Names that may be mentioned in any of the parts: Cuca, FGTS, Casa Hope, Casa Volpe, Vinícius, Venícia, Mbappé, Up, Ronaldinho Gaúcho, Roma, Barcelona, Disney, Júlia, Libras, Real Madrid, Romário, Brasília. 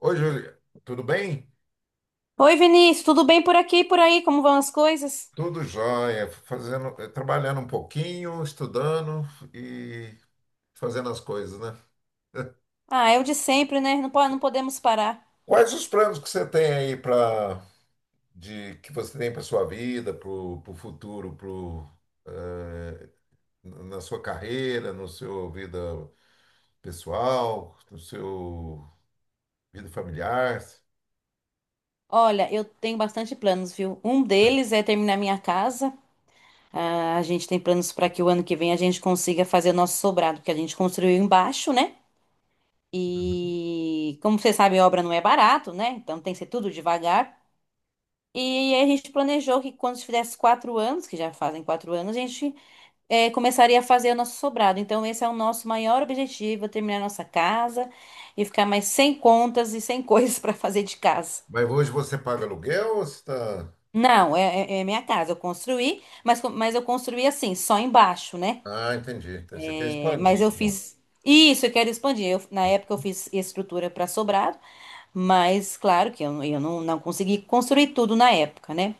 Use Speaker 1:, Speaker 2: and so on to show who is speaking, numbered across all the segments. Speaker 1: Oi, Júlia, tudo bem?
Speaker 2: Oi, Vinícius, tudo bem por aqui e por aí? Como vão as coisas?
Speaker 1: Tudo jóia, fazendo, trabalhando um pouquinho, estudando e fazendo as coisas, né?
Speaker 2: Ah, é o de sempre, né? Não, não podemos parar.
Speaker 1: Quais os planos que você tem aí para de que você tem para sua vida, para o futuro, eh, na sua carreira, no seu vida pessoal, no seu vida familiar?
Speaker 2: Olha, eu tenho bastante planos, viu? Um deles é terminar minha casa. Ah, a gente tem planos para que o ano que vem a gente consiga fazer o nosso sobrado, que a gente construiu embaixo, né? E como você sabe, obra não é barato, né? Então tem que ser tudo devagar. E aí a gente planejou que quando tivesse quatro anos, que já fazem quatro anos, a gente começaria a fazer o nosso sobrado. Então, esse é o nosso maior objetivo, é terminar nossa casa e ficar mais sem contas e sem coisas para fazer de casa.
Speaker 1: Mas hoje você paga aluguel ou você está...
Speaker 2: Não, é minha casa. Eu construí, mas, mas eu construí assim, só embaixo, né?
Speaker 1: Ah, entendi. Então, você quer
Speaker 2: É, mas
Speaker 1: expandir,
Speaker 2: eu
Speaker 1: então.
Speaker 2: fiz. Isso, eu quero expandir. Na época eu fiz estrutura para sobrado, mas claro que eu não consegui construir tudo na época, né?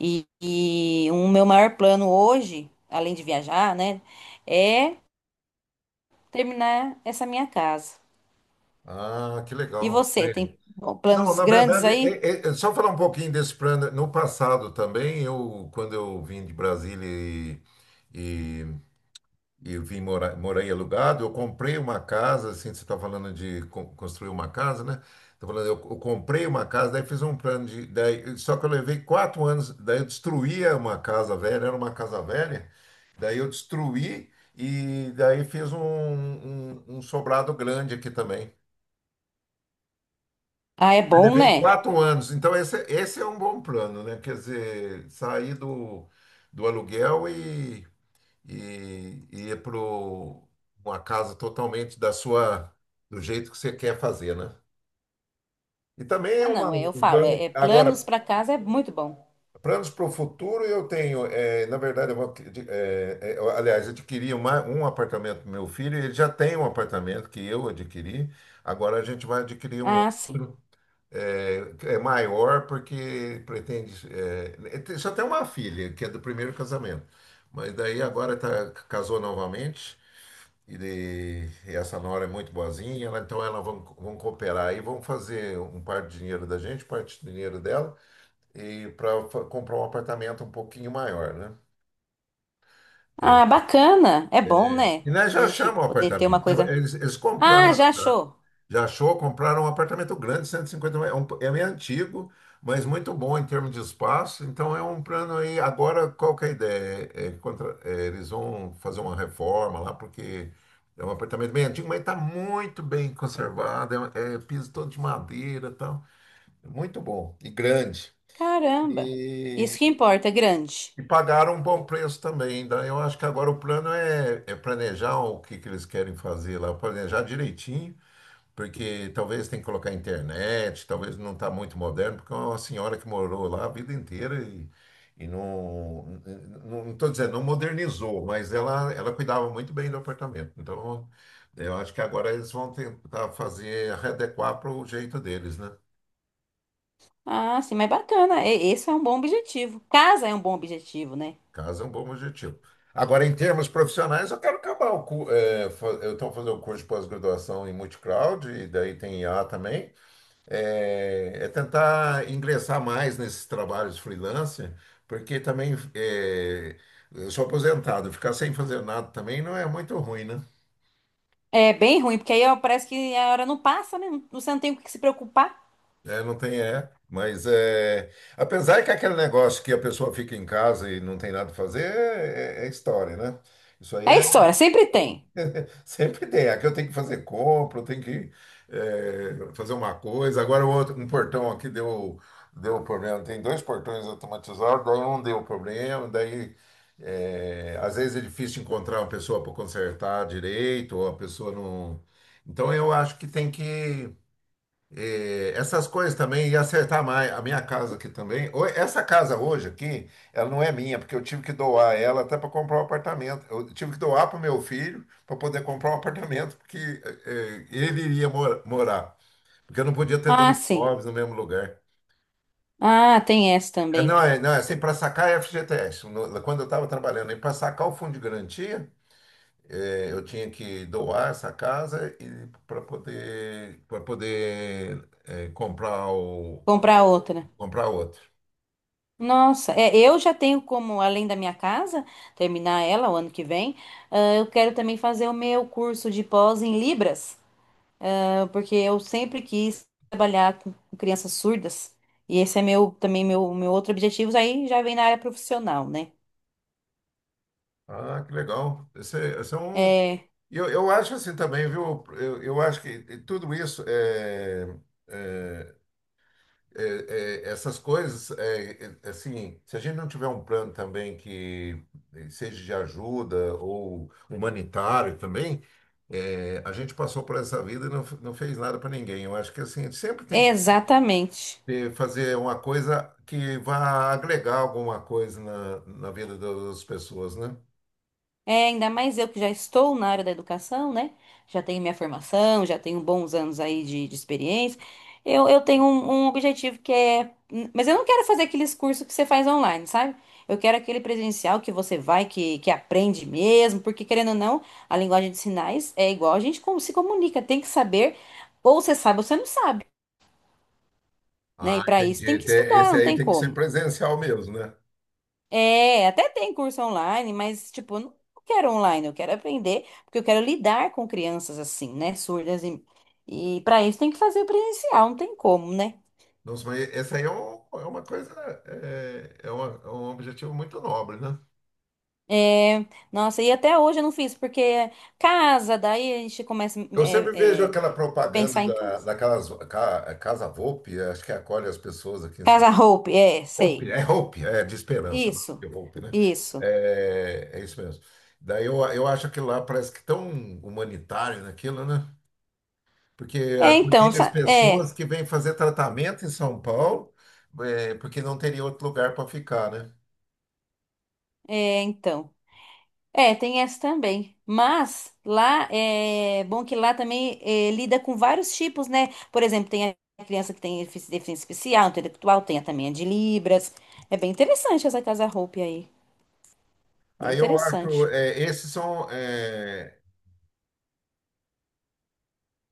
Speaker 2: E o meu maior plano hoje, além de viajar, né, é terminar essa minha casa.
Speaker 1: Ah, que
Speaker 2: E
Speaker 1: legal.
Speaker 2: você,
Speaker 1: É.
Speaker 2: tem
Speaker 1: Não,
Speaker 2: planos
Speaker 1: na
Speaker 2: grandes
Speaker 1: verdade,
Speaker 2: aí?
Speaker 1: é só falar um pouquinho desse plano. No passado também, quando eu vim de Brasília e, e, e, vim morar, morei alugado, eu comprei uma casa, assim, você está falando de construir uma casa, né? Tá falando, eu comprei uma casa, daí fiz um plano de... Daí, só que eu levei quatro anos, daí eu destruía uma casa velha, era uma casa velha, daí eu destruí e daí fiz um sobrado grande aqui também.
Speaker 2: Ah, é
Speaker 1: Mas
Speaker 2: bom,
Speaker 1: levei
Speaker 2: né?
Speaker 1: quatro anos, então esse é um bom plano, né? Quer dizer, sair do aluguel e ir para uma casa totalmente da sua, do jeito que você quer fazer, né? E também é
Speaker 2: Ah,
Speaker 1: uma,
Speaker 2: não, eu
Speaker 1: um
Speaker 2: falo,
Speaker 1: plano.
Speaker 2: é planos
Speaker 1: Agora,
Speaker 2: para casa é muito bom.
Speaker 1: planos para o futuro eu tenho. É na verdade, eu vou, adqui- eh, eh, eu, aliás, adquiri uma, um apartamento para meu filho, ele já tem um apartamento que eu adquiri, agora a gente vai adquirir um
Speaker 2: Ah, sim.
Speaker 1: outro. É, é maior porque pretende. Só tem uma filha, que é do primeiro casamento. Mas daí agora tá, casou novamente. E essa nora é muito boazinha, então elas vão cooperar e vão fazer um parte de dinheiro da gente, parte do dinheiro dela, e para comprar um apartamento um pouquinho maior, né?
Speaker 2: Ah, bacana, é bom, né?
Speaker 1: E nós
Speaker 2: A
Speaker 1: já
Speaker 2: gente
Speaker 1: achamos o
Speaker 2: poder ter uma
Speaker 1: apartamento.
Speaker 2: coisa.
Speaker 1: Eles compraram.
Speaker 2: Ah, já achou?
Speaker 1: Já achou? Compraram um apartamento grande, 150 metros. É meio antigo, mas muito bom em termos de espaço. Então é um plano aí. Agora, qual que é a ideia? Eles vão fazer uma reforma lá, porque é um apartamento bem antigo, mas está muito bem conservado. É piso todo de madeira e tal. É muito bom e grande.
Speaker 2: Caramba, isso que
Speaker 1: E,
Speaker 2: importa, é grande.
Speaker 1: e pagaram um bom preço também. Daí eu acho que agora o plano é, planejar o que, que eles querem fazer lá, planejar direitinho porque talvez tem que colocar internet, talvez não está muito moderno, porque é uma senhora que morou lá a vida inteira e não. Não estou dizendo, não modernizou, mas ela cuidava muito bem do apartamento. Então, eu acho que agora eles vão tentar fazer, readequar para o jeito deles, né?
Speaker 2: Ah, sim, mas bacana, é, esse é um bom objetivo. Casa é um bom objetivo, né?
Speaker 1: Caso é um bom objetivo. Agora, em termos profissionais, eu quero acabar o cu, eh, fa- eu estou fazendo o curso de pós-graduação em multicloud, e daí tem IA também. É tentar ingressar mais nesses trabalhos freelance, porque também eu sou aposentado, ficar sem fazer nada também não é muito ruim, né?
Speaker 2: É bem ruim, porque aí ó, parece que a hora não passa, né? Você não tem com o que se preocupar.
Speaker 1: É, não tem é, mas é, apesar que aquele negócio que a pessoa fica em casa e não tem nada a fazer é história, né? Isso aí
Speaker 2: É
Speaker 1: é.
Speaker 2: história, sempre tem.
Speaker 1: Sempre tem. Aqui eu tenho que fazer compra, eu tenho que fazer uma coisa. Agora o outro, um portão aqui deu problema. Tem dois portões automatizados, daí um deu problema, daí às vezes é difícil encontrar uma pessoa para consertar direito, ou a pessoa não. Então eu acho que tem que essas coisas também e acertar mais. A minha casa aqui também. Essa casa hoje aqui, ela não é minha, porque eu tive que doar ela até para comprar um apartamento. Eu tive que doar para o meu filho para poder comprar um apartamento, porque ele iria morar. Porque eu não podia ter
Speaker 2: Ah,
Speaker 1: dois
Speaker 2: sim.
Speaker 1: imóveis no mesmo lugar.
Speaker 2: Ah, tem essa
Speaker 1: Ah, não,
Speaker 2: também.
Speaker 1: é, não, é assim, para sacar é FGTS. Quando eu estava trabalhando, e para sacar o fundo de garantia, eu tinha que doar essa casa e para poder
Speaker 2: Comprar outra.
Speaker 1: comprar outro.
Speaker 2: Nossa, é, eu já tenho como, além da minha casa, terminar ela o ano que vem, ah, eu quero também fazer o meu curso de pós em Libras, ah, porque eu sempre quis trabalhar com crianças surdas, e esse é meu também meu outro objetivo, aí já vem na área profissional, né?
Speaker 1: Ah, que legal. Esse é um...
Speaker 2: É,
Speaker 1: E eu acho assim também, viu? Eu acho que tudo isso, é, é, essas coisas, assim, se a gente não tiver um plano também que seja de ajuda ou humanitário também, a gente passou por essa vida e não, não fez nada para ninguém. Eu acho que assim, sempre tem que
Speaker 2: exatamente.
Speaker 1: fazer uma coisa que vá agregar alguma coisa na vida das pessoas, né?
Speaker 2: É, ainda mais eu que já estou na área da educação, né? Já tenho minha formação, já tenho bons anos aí de experiência. Eu tenho um, um objetivo que é. Mas eu não quero fazer aqueles cursos que você faz online, sabe? Eu quero aquele presencial que você vai, que aprende mesmo, porque querendo ou não, a linguagem de sinais é igual a gente como se comunica, tem que saber, ou você sabe ou você não sabe, né? E
Speaker 1: Ah,
Speaker 2: para isso tem
Speaker 1: entendi.
Speaker 2: que estudar,
Speaker 1: Esse
Speaker 2: não
Speaker 1: aí
Speaker 2: tem
Speaker 1: tem que ser
Speaker 2: como.
Speaker 1: presencial mesmo, né?
Speaker 2: É, até tem curso online, mas, tipo, eu não quero online, eu quero aprender, porque eu quero lidar com crianças assim, né, surdas e para isso tem que fazer presencial, não tem como, né?
Speaker 1: Nossa, mas esse aí é, é uma coisa, é um objetivo muito nobre, né?
Speaker 2: É, nossa, e até hoje eu não fiz, porque casa, daí a gente começa
Speaker 1: Eu sempre vejo aquela propaganda
Speaker 2: pensar em
Speaker 1: da,
Speaker 2: casa.
Speaker 1: daquelas Casa Volpe, acho que acolhe as pessoas aqui em São
Speaker 2: Casa
Speaker 1: Paulo.
Speaker 2: roupa, é, sei.
Speaker 1: Volpe, é de esperança, não
Speaker 2: Isso,
Speaker 1: é Volpe, né?
Speaker 2: isso.
Speaker 1: É isso mesmo. Daí eu acho que lá parece que tão humanitário naquilo, né? Porque
Speaker 2: É, então,
Speaker 1: acolher as
Speaker 2: sa-
Speaker 1: pessoas
Speaker 2: é,
Speaker 1: que vêm fazer tratamento em São Paulo, porque não teria outro lugar para ficar, né?
Speaker 2: é, então. É, tem essa também. Mas lá é bom que lá também é, lida com vários tipos, né? Por exemplo, tem a criança que tem deficiência especial, intelectual, tem a também a de Libras. É bem interessante essa Casa Hope aí. Bem
Speaker 1: Aí eu acho,
Speaker 2: interessante.
Speaker 1: esses são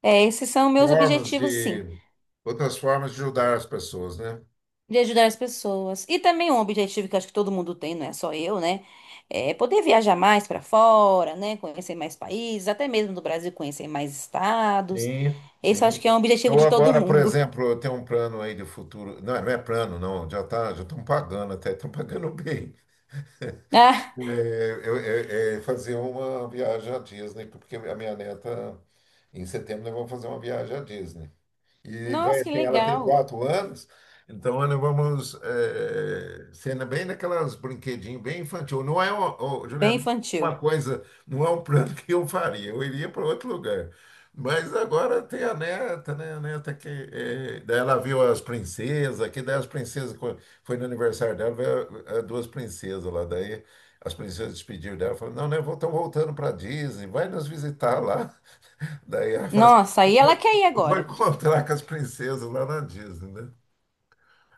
Speaker 2: É, esses são meus
Speaker 1: formas
Speaker 2: objetivos, sim,
Speaker 1: de outras formas de ajudar as pessoas, né?
Speaker 2: de ajudar as pessoas. E também um objetivo que eu acho que todo mundo tem, não é só eu, né? É poder viajar mais para fora, né? Conhecer mais países, até mesmo do Brasil conhecer mais estados.
Speaker 1: Sim,
Speaker 2: Esse eu acho
Speaker 1: sim.
Speaker 2: que é um objetivo
Speaker 1: Eu
Speaker 2: de todo
Speaker 1: agora, por
Speaker 2: mundo.
Speaker 1: exemplo, eu tenho um plano aí de futuro. Não, não é plano, não. Já tá, já estão pagando até, estão pagando bem. É, é fazer uma viagem à Disney, porque a minha neta, em setembro, nós vamos fazer uma viagem à Disney. E vai
Speaker 2: Nossa, que
Speaker 1: assim, ela tem
Speaker 2: legal.
Speaker 1: quatro anos, então nós vamos sendo bem naquelas brinquedinhos bem infantil. Não é uma, ô,
Speaker 2: Bem
Speaker 1: Juliana, uma
Speaker 2: infantil.
Speaker 1: coisa, não é um plano que eu faria, eu iria para outro lugar. Mas agora tem a neta, né? A neta que daí ela viu as princesas, que daí as princesas, quando foi no aniversário dela, veio as duas princesas lá. Daí as princesas despediram dela, falaram, não, né? Estão voltando para Disney, vai nos visitar lá. Daí ela falou assim,
Speaker 2: Nossa,
Speaker 1: eu
Speaker 2: aí ela
Speaker 1: vou
Speaker 2: quer ir
Speaker 1: eu vou
Speaker 2: agora.
Speaker 1: encontrar com as princesas lá na Disney, né?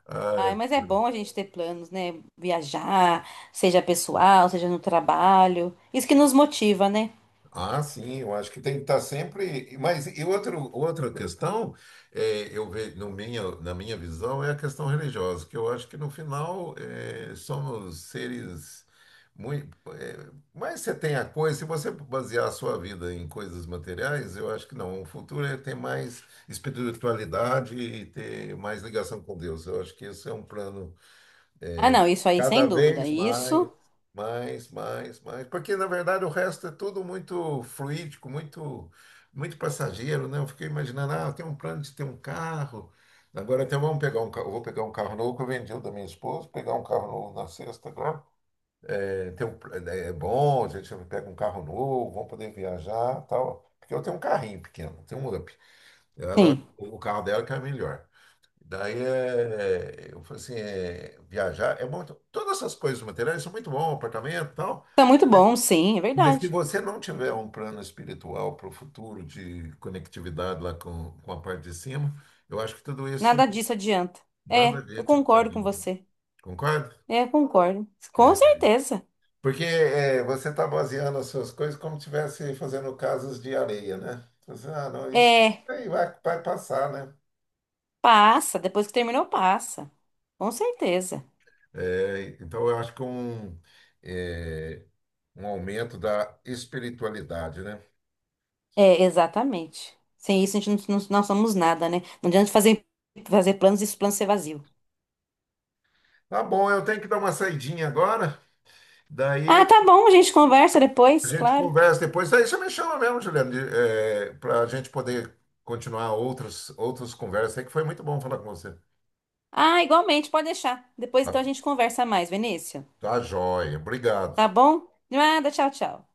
Speaker 1: Ah,
Speaker 2: Ai, mas é bom a gente ter planos, né? Viajar, seja pessoal, seja no trabalho. Isso que nos motiva, né?
Speaker 1: ah, sim, eu acho que tem que estar sempre. Mas e outro, outra questão, eu vejo no minha, na minha visão, é a questão religiosa, que eu acho que no final somos seres muito. Mas você tem a coisa, se você basear a sua vida em coisas materiais, eu acho que não. O futuro é ter mais espiritualidade e ter mais ligação com Deus. Eu acho que esse é um plano.
Speaker 2: Ah, não, isso aí sem
Speaker 1: Cada
Speaker 2: dúvida.
Speaker 1: vez mais,
Speaker 2: Isso,
Speaker 1: mais, mais, mais. Porque, na verdade, o resto é tudo muito fluídico, muito, muito passageiro, né? Eu fiquei imaginando, ah, eu tenho um plano de ter um carro. Agora até vamos pegar um carro, vou pegar um carro novo que eu vendi o da minha esposa, pegar um carro novo na sexta agora. É, tem um, é bom, a gente pega um carro novo, vamos poder viajar, tal. Porque eu tenho um carrinho pequeno, tenho um Up. Ela,
Speaker 2: sim.
Speaker 1: o carro dela que é melhor. Daí eu falei assim, viajar é bom, todas essas coisas materiais são muito bom, apartamento e tal,
Speaker 2: Tá muito bom, sim, é
Speaker 1: mas se
Speaker 2: verdade.
Speaker 1: você não tiver um plano espiritual para o futuro de conectividade lá com, a parte de cima, eu acho que tudo isso
Speaker 2: Nada disso adianta.
Speaker 1: nada
Speaker 2: É, eu
Speaker 1: disso
Speaker 2: concordo com
Speaker 1: ajuda.
Speaker 2: você.
Speaker 1: Concorda?
Speaker 2: É, eu concordo. Com
Speaker 1: É.
Speaker 2: certeza.
Speaker 1: Porque você está baseando as suas coisas como se estivesse fazendo casas de areia, né? Você, ah, não, isso
Speaker 2: É,
Speaker 1: aí vai passar, né?
Speaker 2: passa, depois que terminou, passa. Com certeza.
Speaker 1: É, então, eu acho que é é, um aumento da espiritualidade, né?
Speaker 2: É, exatamente. Sem isso a gente não somos nada, né? Não adianta fazer, fazer planos e esse plano ser vazio.
Speaker 1: Tá bom, eu tenho que dar uma saidinha agora,
Speaker 2: Ah,
Speaker 1: daí
Speaker 2: tá bom, a gente conversa
Speaker 1: a
Speaker 2: depois,
Speaker 1: gente
Speaker 2: claro.
Speaker 1: conversa depois. Daí você me chama mesmo, Juliano, para a gente poder continuar outras conversas aí, que foi muito bom falar com você.
Speaker 2: Ah, igualmente, pode deixar. Depois então
Speaker 1: Tá,
Speaker 2: a gente conversa mais, Venícia.
Speaker 1: tá joia, obrigado.
Speaker 2: Tá bom? De nada, tchau, tchau.